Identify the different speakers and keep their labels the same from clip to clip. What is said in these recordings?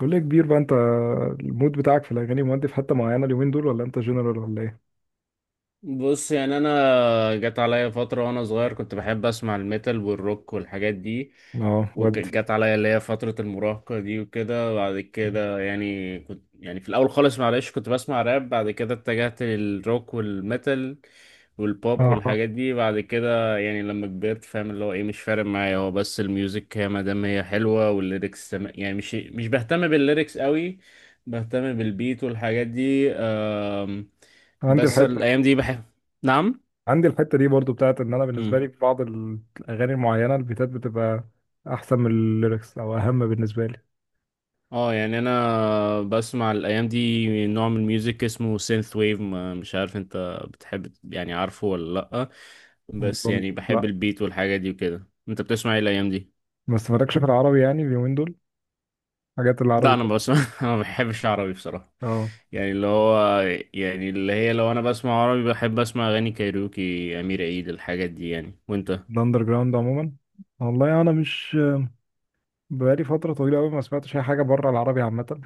Speaker 1: كل يا كبير بقى انت. المود بتاعك في الاغاني مودي في حته معينه اليومين دول ولا انت جنرال ولا ايه؟
Speaker 2: بص، يعني انا جت عليا فتره وانا صغير كنت بحب اسمع الميتال والروك والحاجات دي.
Speaker 1: اه ودي.
Speaker 2: وجت عليا اللي هي فتره المراهقه دي وكده. بعد كده يعني كنت في الاول خالص، معلش، كنت بسمع راب. بعد كده اتجهت للروك والميتال والبوب
Speaker 1: اه.
Speaker 2: والحاجات دي. بعد كده يعني لما كبرت، فاهم اللي هو ايه، مش فارق معايا، هو بس الميوزك هي ما دام هي حلوه، والليركس يعني مش بهتم بالليركس قوي. بهتم بالبيت والحاجات دي.
Speaker 1: عندي
Speaker 2: بس
Speaker 1: الحته.
Speaker 2: الايام دي بحب. نعم.
Speaker 1: عندي الحته دي برضو بتاعت ان انا بالنسبه
Speaker 2: امم.
Speaker 1: لي في بعض الاغاني المعينه البيتات بتبقى احسن من الليركس او اهم بالنسبه لي.
Speaker 2: اه، يعني انا بسمع الايام دي نوع من الميوزك اسمه سينث ويف، مش عارف انت بتحب، يعني عارفه ولا لا؟ بس يعني بحب
Speaker 1: لا.
Speaker 2: البيت والحاجه دي وكده. انت بتسمع ايه الايام دي؟
Speaker 1: بس مالكش في العربي يعني اليومين دول، حاجات
Speaker 2: لا،
Speaker 1: العربي.
Speaker 2: انا بسمع انا ما بحبش عربي بصراحه،
Speaker 1: اه
Speaker 2: يعني اللي هو، يعني اللي هي لو انا بسمع عربي بحب اسمع اغاني كايروكي، امير عيد، الحاجات دي يعني. وانت
Speaker 1: الاندر جراوند عموما. والله انا مش، بقالي فتره طويله قوي ما سمعتش اي حاجه بره العربي عامه.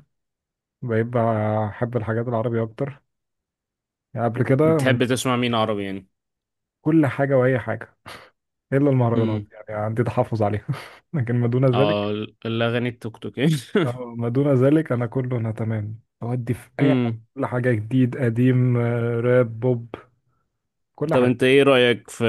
Speaker 1: بقيت بحب الحاجات العربي اكتر يعني قبل كده من
Speaker 2: بتحب تسمع مين عربي يعني؟
Speaker 1: كل حاجه واي حاجه، الا المهرجانات
Speaker 2: امم.
Speaker 1: يعني عندي تحفظ عليها. لكن ما دون ذلك.
Speaker 2: اه، الاغاني التوك توك يعني.
Speaker 1: ما دون ذلك انا كله انا تمام اودي في اي حاجه،
Speaker 2: امم.
Speaker 1: كل حاجه، جديد قديم، راب بوب، كل
Speaker 2: طب
Speaker 1: حاجه.
Speaker 2: انت ايه رأيك في،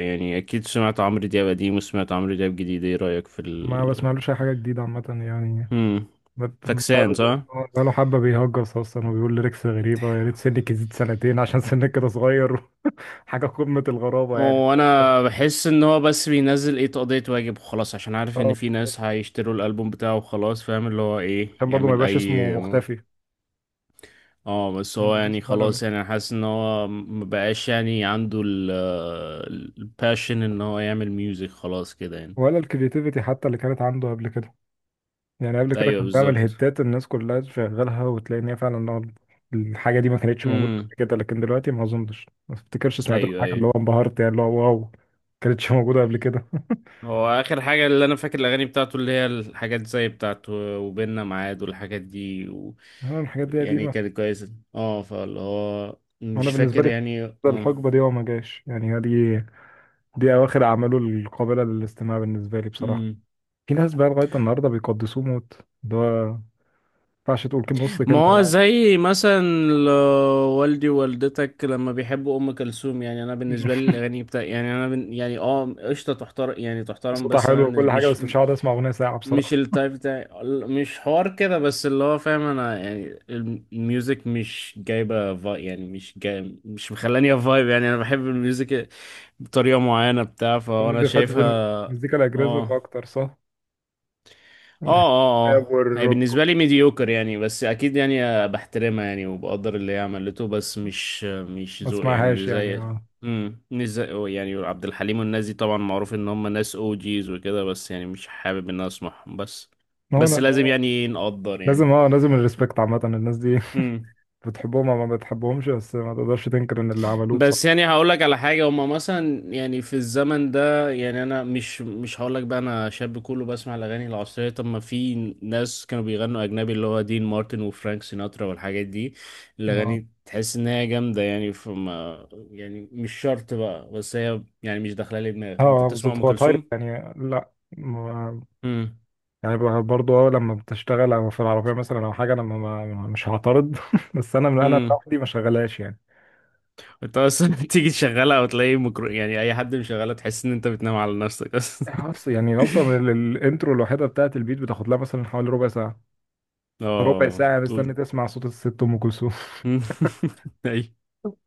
Speaker 2: يعني اكيد سمعت عمرو دياب قديم وسمعت عمرو دياب جديد، ايه رأيك في
Speaker 1: ما
Speaker 2: ال،
Speaker 1: بسمعلوش اي حاجه جديده عامه يعني.
Speaker 2: هم،
Speaker 1: بت-
Speaker 2: فاكسان
Speaker 1: بقاله،
Speaker 2: صح؟
Speaker 1: بقاله حبه بيهجس اصلا وبيقول ليركس غريبه. يا ريت سنك يزيد سنتين عشان سنك كده صغير. حاجه قمه الغرابه يعني.
Speaker 2: هو انا بحس ان هو بس بينزل، ايه، تقضية واجب وخلاص، عشان عارف ان
Speaker 1: آه،
Speaker 2: في ناس هيشتروا الالبوم بتاعه وخلاص، فاهم اللي هو ايه،
Speaker 1: عشان برضه ما
Speaker 2: يعمل
Speaker 1: يبقاش اسمه
Speaker 2: اي.
Speaker 1: مختفي.
Speaker 2: اه بس هو يعني
Speaker 1: بحس فعلا،
Speaker 2: خلاص، يعني انا حاسس ان هو مبقاش يعني عنده ال، الباشن ان هو يعمل ميوزك خلاص كده يعني.
Speaker 1: ولا الكرياتيفيتي حتى اللي كانت عنده قبل كده. يعني قبل كده
Speaker 2: ايوه
Speaker 1: كان بعمل
Speaker 2: بالظبط.
Speaker 1: هيتات الناس كلها تشغلها وتلاقي ان هي فعلا الحاجه دي ما كانتش موجوده
Speaker 2: هم.
Speaker 1: قبل كده، لكن دلوقتي ما اظنش، ما افتكرش سمعت له
Speaker 2: ايوه
Speaker 1: حاجه اللي هو
Speaker 2: ايوه.
Speaker 1: انبهرت يعني اللي هو واو، ما كانتش موجوده قبل كده.
Speaker 2: هو اخر حاجه اللي انا فاكر الاغاني بتاعته اللي هي الحاجات زي بتاعته وبيننا ميعاد والحاجات دي، و...
Speaker 1: أنا الحاجات دي
Speaker 2: يعني
Speaker 1: قديمه.
Speaker 2: كانت كويسه، اه، فاللي هو
Speaker 1: وانا
Speaker 2: مش
Speaker 1: بالنسبه
Speaker 2: فاكر
Speaker 1: لي
Speaker 2: يعني
Speaker 1: الحقبه دي هو ما جاش يعني، هي دي، دي اواخر اعماله القابله للاستماع بالنسبه لي بصراحه.
Speaker 2: مم.
Speaker 1: في ناس بقى لغايه النهارده بيقدسوه موت، اللي هو ما ينفعش تقول كلمه نص
Speaker 2: ما
Speaker 1: كلمه على
Speaker 2: هو
Speaker 1: بعض.
Speaker 2: زي مثلا، ل- والدي ووالدتك لما بيحبوا ام كلثوم، يعني انا بالنسبه لي الاغاني بتاع، يعني انا يعني اه، قشطه، تحترم، يعني تحترم،
Speaker 1: صوتها
Speaker 2: بس انا
Speaker 1: حلو وكل
Speaker 2: بالنسبة...
Speaker 1: حاجه،
Speaker 2: مش،
Speaker 1: بس مش هقعد اسمع اغنيه ساعه
Speaker 2: مش
Speaker 1: بصراحه.
Speaker 2: التايب بتاعي ال- مش حوار كده، بس اللي هو فاهم، انا يعني الميوزك مش جايبه فايب يعني، مش جاي، مش مخلاني فايب يعني. انا بحب الميوزك بطريقه معينه بتاع، فانا
Speaker 1: دي في حته
Speaker 2: شايفها.
Speaker 1: المزيكا الاجريسيف
Speaker 2: اه
Speaker 1: اكتر، صح؟
Speaker 2: اه
Speaker 1: بحب
Speaker 2: اه
Speaker 1: الراب
Speaker 2: اه هي
Speaker 1: والروك،
Speaker 2: بالنسبة لي ميديوكر يعني، بس أكيد يعني بحترمها يعني، وبقدر اللي هي عملته، بس مش
Speaker 1: ما
Speaker 2: ذوق يعني،
Speaker 1: اسمعهاش يعني
Speaker 2: زي،
Speaker 1: اه.
Speaker 2: امم، مش زي يعني عبد الحليم والناس دي، طبعا معروف إن هم ناس أو جيز وكده، بس يعني مش حابب إن أنا أسمعهم، بس بس
Speaker 1: ما
Speaker 2: لازم
Speaker 1: هو
Speaker 2: يعني نقدر
Speaker 1: لازم، اه لازم الريسبكت عامة الناس دي.
Speaker 2: يعني.
Speaker 1: بتحبهم او ما بتحبهمش، بس ما تقدرش تنكر ان اللي عملوه
Speaker 2: بس
Speaker 1: بصراحة.
Speaker 2: يعني هقول لك على حاجة، هما مثلا يعني في الزمن ده يعني، أنا مش هقول لك بقى أنا شاب كله بسمع الأغاني العصرية، طب ما في ناس كانوا بيغنوا أجنبي اللي هو دين مارتن وفرانك سيناترا والحاجات دي،
Speaker 1: اه
Speaker 2: الأغاني تحس إن هي جامدة يعني، فما يعني مش شرط بقى، بس هي يعني مش داخلة لي
Speaker 1: اه
Speaker 2: دماغي. أنت بتسمع
Speaker 1: بالظبط،
Speaker 2: أم
Speaker 1: هو تايب
Speaker 2: كلثوم؟
Speaker 1: يعني، لا. ما-
Speaker 2: امم.
Speaker 1: يعني برضه اه لما بتشتغل او في العربية مثلا او حاجة انا مش هعترض. بس انا من انا
Speaker 2: امم.
Speaker 1: لوحدي ما شغلاش يعني.
Speaker 2: أنت أصلا تيجي تشغلها أو تلاقي يعني أي حد مشغلها تحس إن أنت بتنام على نفسك أصلا.
Speaker 1: اصلا يعني اصلا الانترو الوحيدة بتاعت البيت بتاخد لها مثلا حوالي ربع ساعة. ربع
Speaker 2: أه.
Speaker 1: ساعة مستني تسمع صوت الست ام كلثوم.
Speaker 2: أيوه.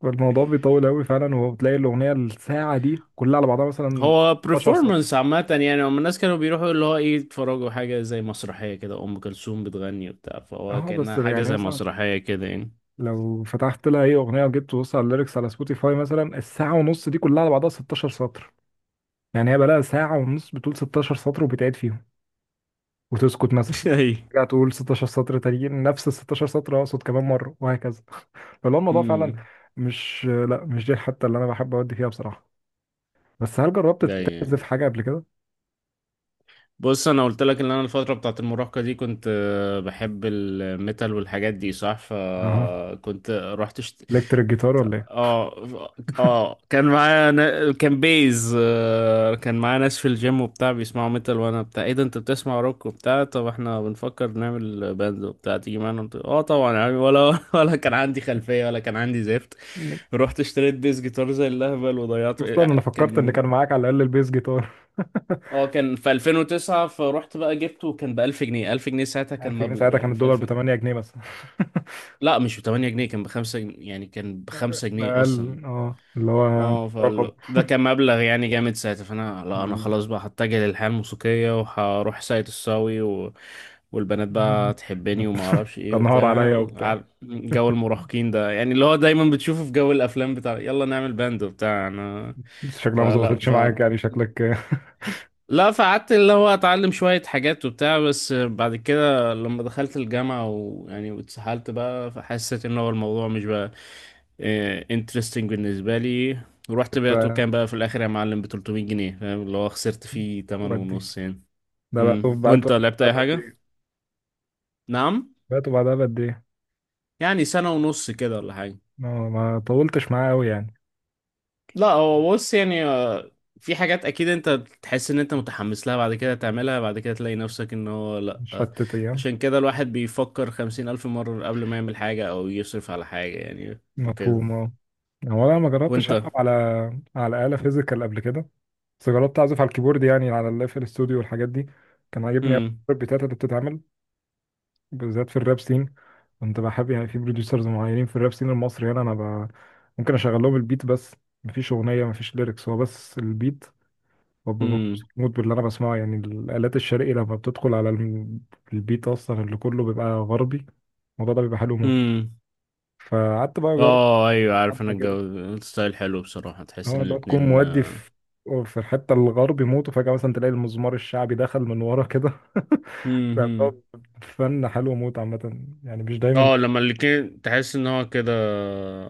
Speaker 1: فالموضوع بيطول قوي فعلا، وبتلاقي الاغنيه الساعه دي كلها على بعضها مثلا
Speaker 2: هو
Speaker 1: 12 سطر.
Speaker 2: performance عامة يعني، هم الناس كانوا بيروحوا اللي هو ايه، يتفرجوا حاجة زي مسرحية كده، أم كلثوم بتغني وبتاع، فهو
Speaker 1: اه بس
Speaker 2: كأنها حاجة
Speaker 1: يعني
Speaker 2: زي
Speaker 1: مثلا
Speaker 2: مسرحية كده يعني.
Speaker 1: لو فتحت لها اي اغنيه وجيت تبص على الليركس على سبوتيفاي مثلا، الساعه ونص دي كلها على بعضها 16 سطر. يعني هي بقى لها ساعه ونص بتقول 16 سطر وبتعيد فيهم وتسكت مثلا،
Speaker 2: اي.
Speaker 1: ترجع تقول 16 سطر تانيين نفس ال 16 سطر اقصد كمان مره وهكذا. فاللي هو الموضوع فعلا
Speaker 2: امم.
Speaker 1: مش دي الحته اللي انا بحب اودي فيها بصراحه. بس هل جربت يعني
Speaker 2: ايوه.
Speaker 1: تعزف حاجه قبل كده؟
Speaker 2: بص، انا قلت لك ان انا الفتره بتاعت المراهقه دي كنت بحب الميتال والحاجات دي صح،
Speaker 1: اها.
Speaker 2: فكنت رحت شت...
Speaker 1: الكتريك جيتار ولا
Speaker 2: اه اه، كان معايا نا... كان بيز آه، كان معايا ناس في الجيم وبتاع بيسمعوا ميتال، وانا بتاع ايه ده، انت بتسمع روك وبتاع، طب احنا بنفكر نعمل باند وبتاع، تيجي معانا؟ قلت اه طبعا يعني، ولا ولا كان عندي خلفيه، ولا كان عندي زفت.
Speaker 1: ايه؟
Speaker 2: رحت اشتريت بيز جيتار زي اللهبل وضيعت.
Speaker 1: اصلا انا فكرت ان
Speaker 2: كان،
Speaker 1: كان معاك على الاقل البيس جيتار.
Speaker 2: اه، كان في 2009 فرحت بقى جبته، كان ب 1000 جنيه. 1000 جنيه ساعتها كان
Speaker 1: 1000 جنيه
Speaker 2: مبلغ
Speaker 1: ساعتها كان
Speaker 2: يعني، في
Speaker 1: الدولار
Speaker 2: 1000
Speaker 1: ب
Speaker 2: جنيه
Speaker 1: 8 جنيه بس.
Speaker 2: لا مش ب 8 جنيه، كان ب 5 جنيه، يعني كان ب 5 جنيه اصلا.
Speaker 1: اقل اه اللي هو
Speaker 2: اه،
Speaker 1: رقم.
Speaker 2: ده كان مبلغ يعني جامد ساعتها، فانا لا، انا خلاص بقى هتجه للحياة الموسيقية، وهروح ساقية الصاوي و... والبنات بقى تحبني وما اعرفش ايه
Speaker 1: تنهار
Speaker 2: وبتاع.
Speaker 1: عليا وبتاع.
Speaker 2: جو المراهقين ده يعني، اللي هو دايما بتشوفه في جو الافلام بتاع، يلا نعمل باند وبتاع. انا
Speaker 1: بس شكلها ما
Speaker 2: فلا
Speaker 1: ظبطتش
Speaker 2: ف
Speaker 1: معاك يعني شكلك.
Speaker 2: لا فقعدت اللي هو اتعلم شوية حاجات وبتاع، بس بعد كده لما دخلت الجامعة ويعني واتسحلت بقى، فحسيت ان هو الموضوع مش بقى انترستنج بالنسبة لي. ورحت بعته،
Speaker 1: آه،
Speaker 2: كان بقى في الاخر يا معلم ب 300 جنيه، فاهم اللي هو خسرت فيه 8
Speaker 1: ودي،
Speaker 2: ونص يعني.
Speaker 1: ده بقى
Speaker 2: مم.
Speaker 1: طب بعد
Speaker 2: وانت لعبت
Speaker 1: بعدها
Speaker 2: اي
Speaker 1: بقد
Speaker 2: حاجة؟
Speaker 1: ايه؟
Speaker 2: نعم.
Speaker 1: بعته بعدها بقد ايه؟
Speaker 2: يعني سنة ونص كده ولا حاجة.
Speaker 1: ما طولتش معاه قوي يعني.
Speaker 2: لا هو بص يعني، آه، في حاجات اكيد انت تحس ان انت متحمس لها، بعد كده تعملها، بعد كده تلاقي نفسك ان هو لا،
Speaker 1: مش
Speaker 2: آه،
Speaker 1: فاتت ايام؟
Speaker 2: عشان كده الواحد بيفكر خمسين الف مرة قبل ما يعمل حاجة او يصرف على حاجة يعني وكده.
Speaker 1: مفهوم اه. هو انا ما جربتش
Speaker 2: وانت.
Speaker 1: العب على على آلة فيزيكال قبل كده، بس جربت اعزف على الكيبورد يعني على الاف ال استوديو والحاجات دي. كان عاجبني أوي
Speaker 2: هم
Speaker 1: البيتات اللي بتتعمل بالذات في الراب سين. كنت بحب يعني في بروديوسرز معينين في الراب سين المصري هنا انا ب... ممكن اشغل لهم البيت بس، مفيش اغنيه مفيش ليركس، هو بس البيت، وابقى
Speaker 2: هم
Speaker 1: مبسوط موت باللي انا بسمعه. يعني الالات الشرقي لما بتدخل على البيت اصلا اللي كله بيبقى غربي، الموضوع ده بيبقى حلو موت.
Speaker 2: هم
Speaker 1: فقعدت بقى اجرب
Speaker 2: اه ايوه عارف انا
Speaker 1: حبه
Speaker 2: الجو،
Speaker 1: كده.
Speaker 2: الستايل حلو بصراحة، تحس ان
Speaker 1: اه لو تكون
Speaker 2: الاتنين
Speaker 1: مودي
Speaker 2: آه.
Speaker 1: في في الحته الغرب يموت وفجاه مثلا تلاقي المزمار الشعبي دخل من ورا كده.
Speaker 2: هم
Speaker 1: بيعملوا فن حلو موت عامه، يعني مش دايما.
Speaker 2: اه لما الاتنين تحس ان هو كده،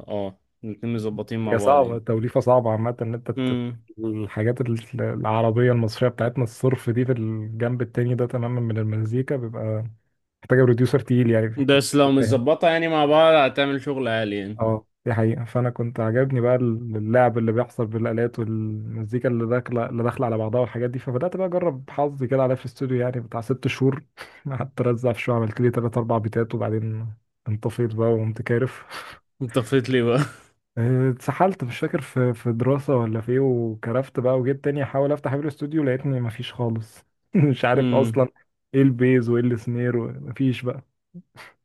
Speaker 2: اه الاتنين مظبطين مع
Speaker 1: هي
Speaker 2: بعض
Speaker 1: صعبه، توليفه صعبه عامه، ان انت
Speaker 2: يعني.
Speaker 1: الحاجات العربيه المصريه بتاعتنا الصرف دي في الجنب التاني ده تماما من المزيكا بيبقى محتاجه بروديوسر تقيل يعني.
Speaker 2: بس لو متظبطة يعني مع بعض هتعمل شغل عالي يعني.
Speaker 1: اه دي حقيقة. فأنا كنت عجبني بقى اللعب اللي بيحصل بالآلات والمزيكا اللي داخلة على بعضها والحاجات دي. فبدأت بقى أجرب حظي كده عليا في الاستوديو يعني بتاع ست شهور. قعدت أرزع في شوية، عملت لي تلات أربع بيتات وبعدين انطفيت بقى وقمت كارف.
Speaker 2: انت فايت لي بقى.
Speaker 1: اتسحلت، مش فاكر في في دراسة ولا في ايه، وكرفت بقى. وجيت تاني أحاول أفتح بير الاستوديو لقيتني مفيش خالص. مش عارف
Speaker 2: امم.
Speaker 1: أصلا ايه البيز وايه السنير، ومفيش بقى.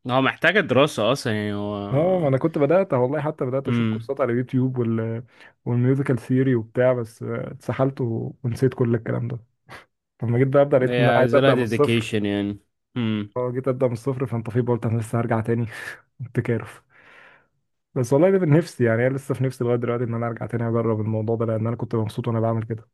Speaker 2: هو محتاجة دراسة اصلا يعني
Speaker 1: اه ما
Speaker 2: هو.
Speaker 1: انا كنت بدات والله، حتى بدات اشوف
Speaker 2: امم.
Speaker 1: كورسات على اليوتيوب وال... والميوزيكال ثيوري وبتاع، بس اتسحلت ونسيت كل الكلام ده. لما جيت بقى ابدا لقيت ان
Speaker 2: هي
Speaker 1: انا عايز
Speaker 2: عايزة لها
Speaker 1: ابدا من الصفر.
Speaker 2: ديديكيشن يعني. امم.
Speaker 1: اه جيت ابدا من الصفر، فانت في قلت انا لسه هرجع تاني. التكارف. بس والله ده من نفسي يعني، انا لسه في نفسي لغايه دلوقتي ان انا ارجع تاني اجرب الموضوع ده، لان انا كنت مبسوط وانا بعمل كده.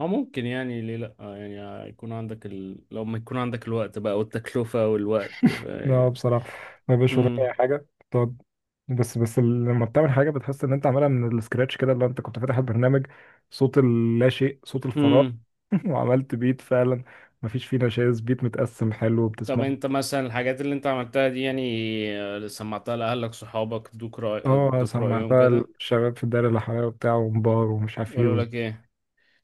Speaker 2: هو ممكن يعني، ليه لأ يعني يكون عندك ال... لو ما يكون عندك الوقت بقى، والتكلفة والوقت
Speaker 1: لا
Speaker 2: يبقى.
Speaker 1: بصراحة ما بيبقاش وراك أي
Speaker 2: امم.
Speaker 1: حاجة بتقعد. بس لما بتعمل حاجة بتحس إن أنت عاملها من السكراتش كده، اللي أنت كنت فاتح البرنامج صوت اللا شيء، صوت الفراغ،
Speaker 2: امم.
Speaker 1: وعملت بيت فعلا مفيش فيه نشاز، بيت متقسم حلو
Speaker 2: طب
Speaker 1: وبتسمعه.
Speaker 2: انت مثلا الحاجات اللي انت عملتها دي يعني، آه، سمعتها لأهلك، صحابك، ادوك رأي،
Speaker 1: اه
Speaker 2: ادوك رأيهم
Speaker 1: سمعتها
Speaker 2: كده؟
Speaker 1: الشباب في الدايرة اللي حواليا وبتاع، ومبار ومش عارف ايه
Speaker 2: قالوا لك ايه؟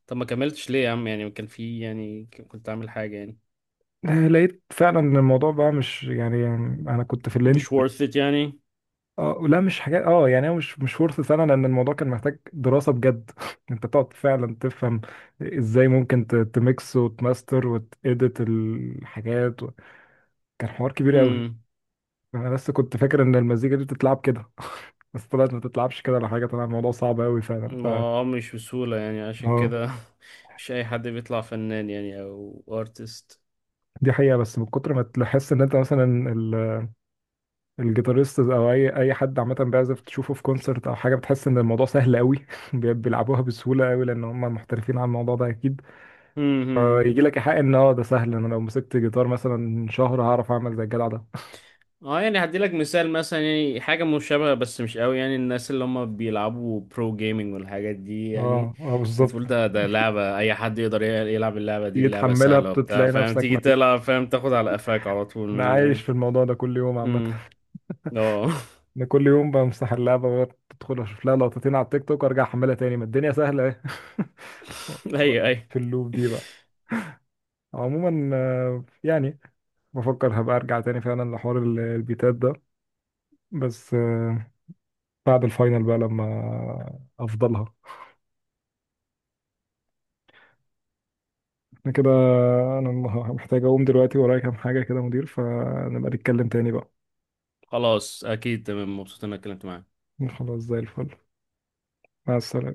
Speaker 2: طب ما كملتش ليه يا عم يعني، كان في يعني، كنت عامل حاجة يعني،
Speaker 1: لقيت فعلا ان الموضوع بقى مش يعني، يعني انا كنت في اللينج.
Speaker 2: مش worth it يعني.
Speaker 1: اه لا مش حاجات اه يعني، هو مش مش فرصة سنة، لأن الموضوع كان محتاج دراسة بجد. أنت تقعد فعلا تفهم إزاي ممكن تميكس وتماستر وتإديت الحاجات و... كان حوار كبير قوي.
Speaker 2: امم.
Speaker 1: أنا لسه كنت فاكر إن المزيكا دي بتتلعب كده. بس طلعت ما تتلعبش كده ولا حاجة، طلع الموضوع صعب قوي فعلا. ف
Speaker 2: ما آه، مش بسهولة يعني عشان
Speaker 1: اه
Speaker 2: كده. مش أي حد بيطلع فنان يعني أو artist.
Speaker 1: دي حقيقة. بس من كتر ما تحس إن أنت مثلا ال... الجيتاريست أو أي حد عامة بيعزف تشوفه في كونسرت أو حاجة، بتحس إن الموضوع سهل قوي. بيلعبوها بسهولة قوي، لأن هم محترفين على الموضوع ده أكيد.
Speaker 2: امم.
Speaker 1: يجي لك حق ان اه ده سهل، انا لو مسكت جيتار مثلا شهر هعرف اعمل زي الجدع ده.
Speaker 2: اه يعني هديلك مثال، مثلا يعني حاجة مشابهة بس مش قوي يعني، الناس اللي هم بيلعبوا برو جيمنج والحاجات دي يعني،
Speaker 1: اه اه بالظبط.
Speaker 2: تقول ده ده لعبة أي حد يقدر يلعب اللعبة دي،
Speaker 1: تيجي
Speaker 2: اللعبة
Speaker 1: تحملها
Speaker 2: سهلة وبتاع،
Speaker 1: بتلاقي
Speaker 2: فاهم،
Speaker 1: نفسك
Speaker 2: تيجي
Speaker 1: مكان.
Speaker 2: تلعب فاهم، تاخد على قفاك على طول من
Speaker 1: انا عايش
Speaker 2: اللعبة.
Speaker 1: في الموضوع ده كل يوم عامه.
Speaker 2: امم. اه.
Speaker 1: انا كل يوم بمسح اللعبه وأقعد ادخل اشوف لها لقطتين على التيك توك وارجع احملها تاني، ما الدنيا سهله اهي. و- و-
Speaker 2: أيوه أيوه.
Speaker 1: في اللوب دي بقى. عموما يعني بفكر هبقى ارجع تاني فعلا لحوار البيتات ده، بس بعد الفاينل بقى لما افضلها. انا كده، انا محتاج اقوم دلوقتي، ورايا كام حاجة كده يا مدير، فنبقى نتكلم تاني بقى.
Speaker 2: خلاص، أكيد، تمام، مبسوط إني اتكلمت معاك.
Speaker 1: خلاص زي الفل. مع السلامة.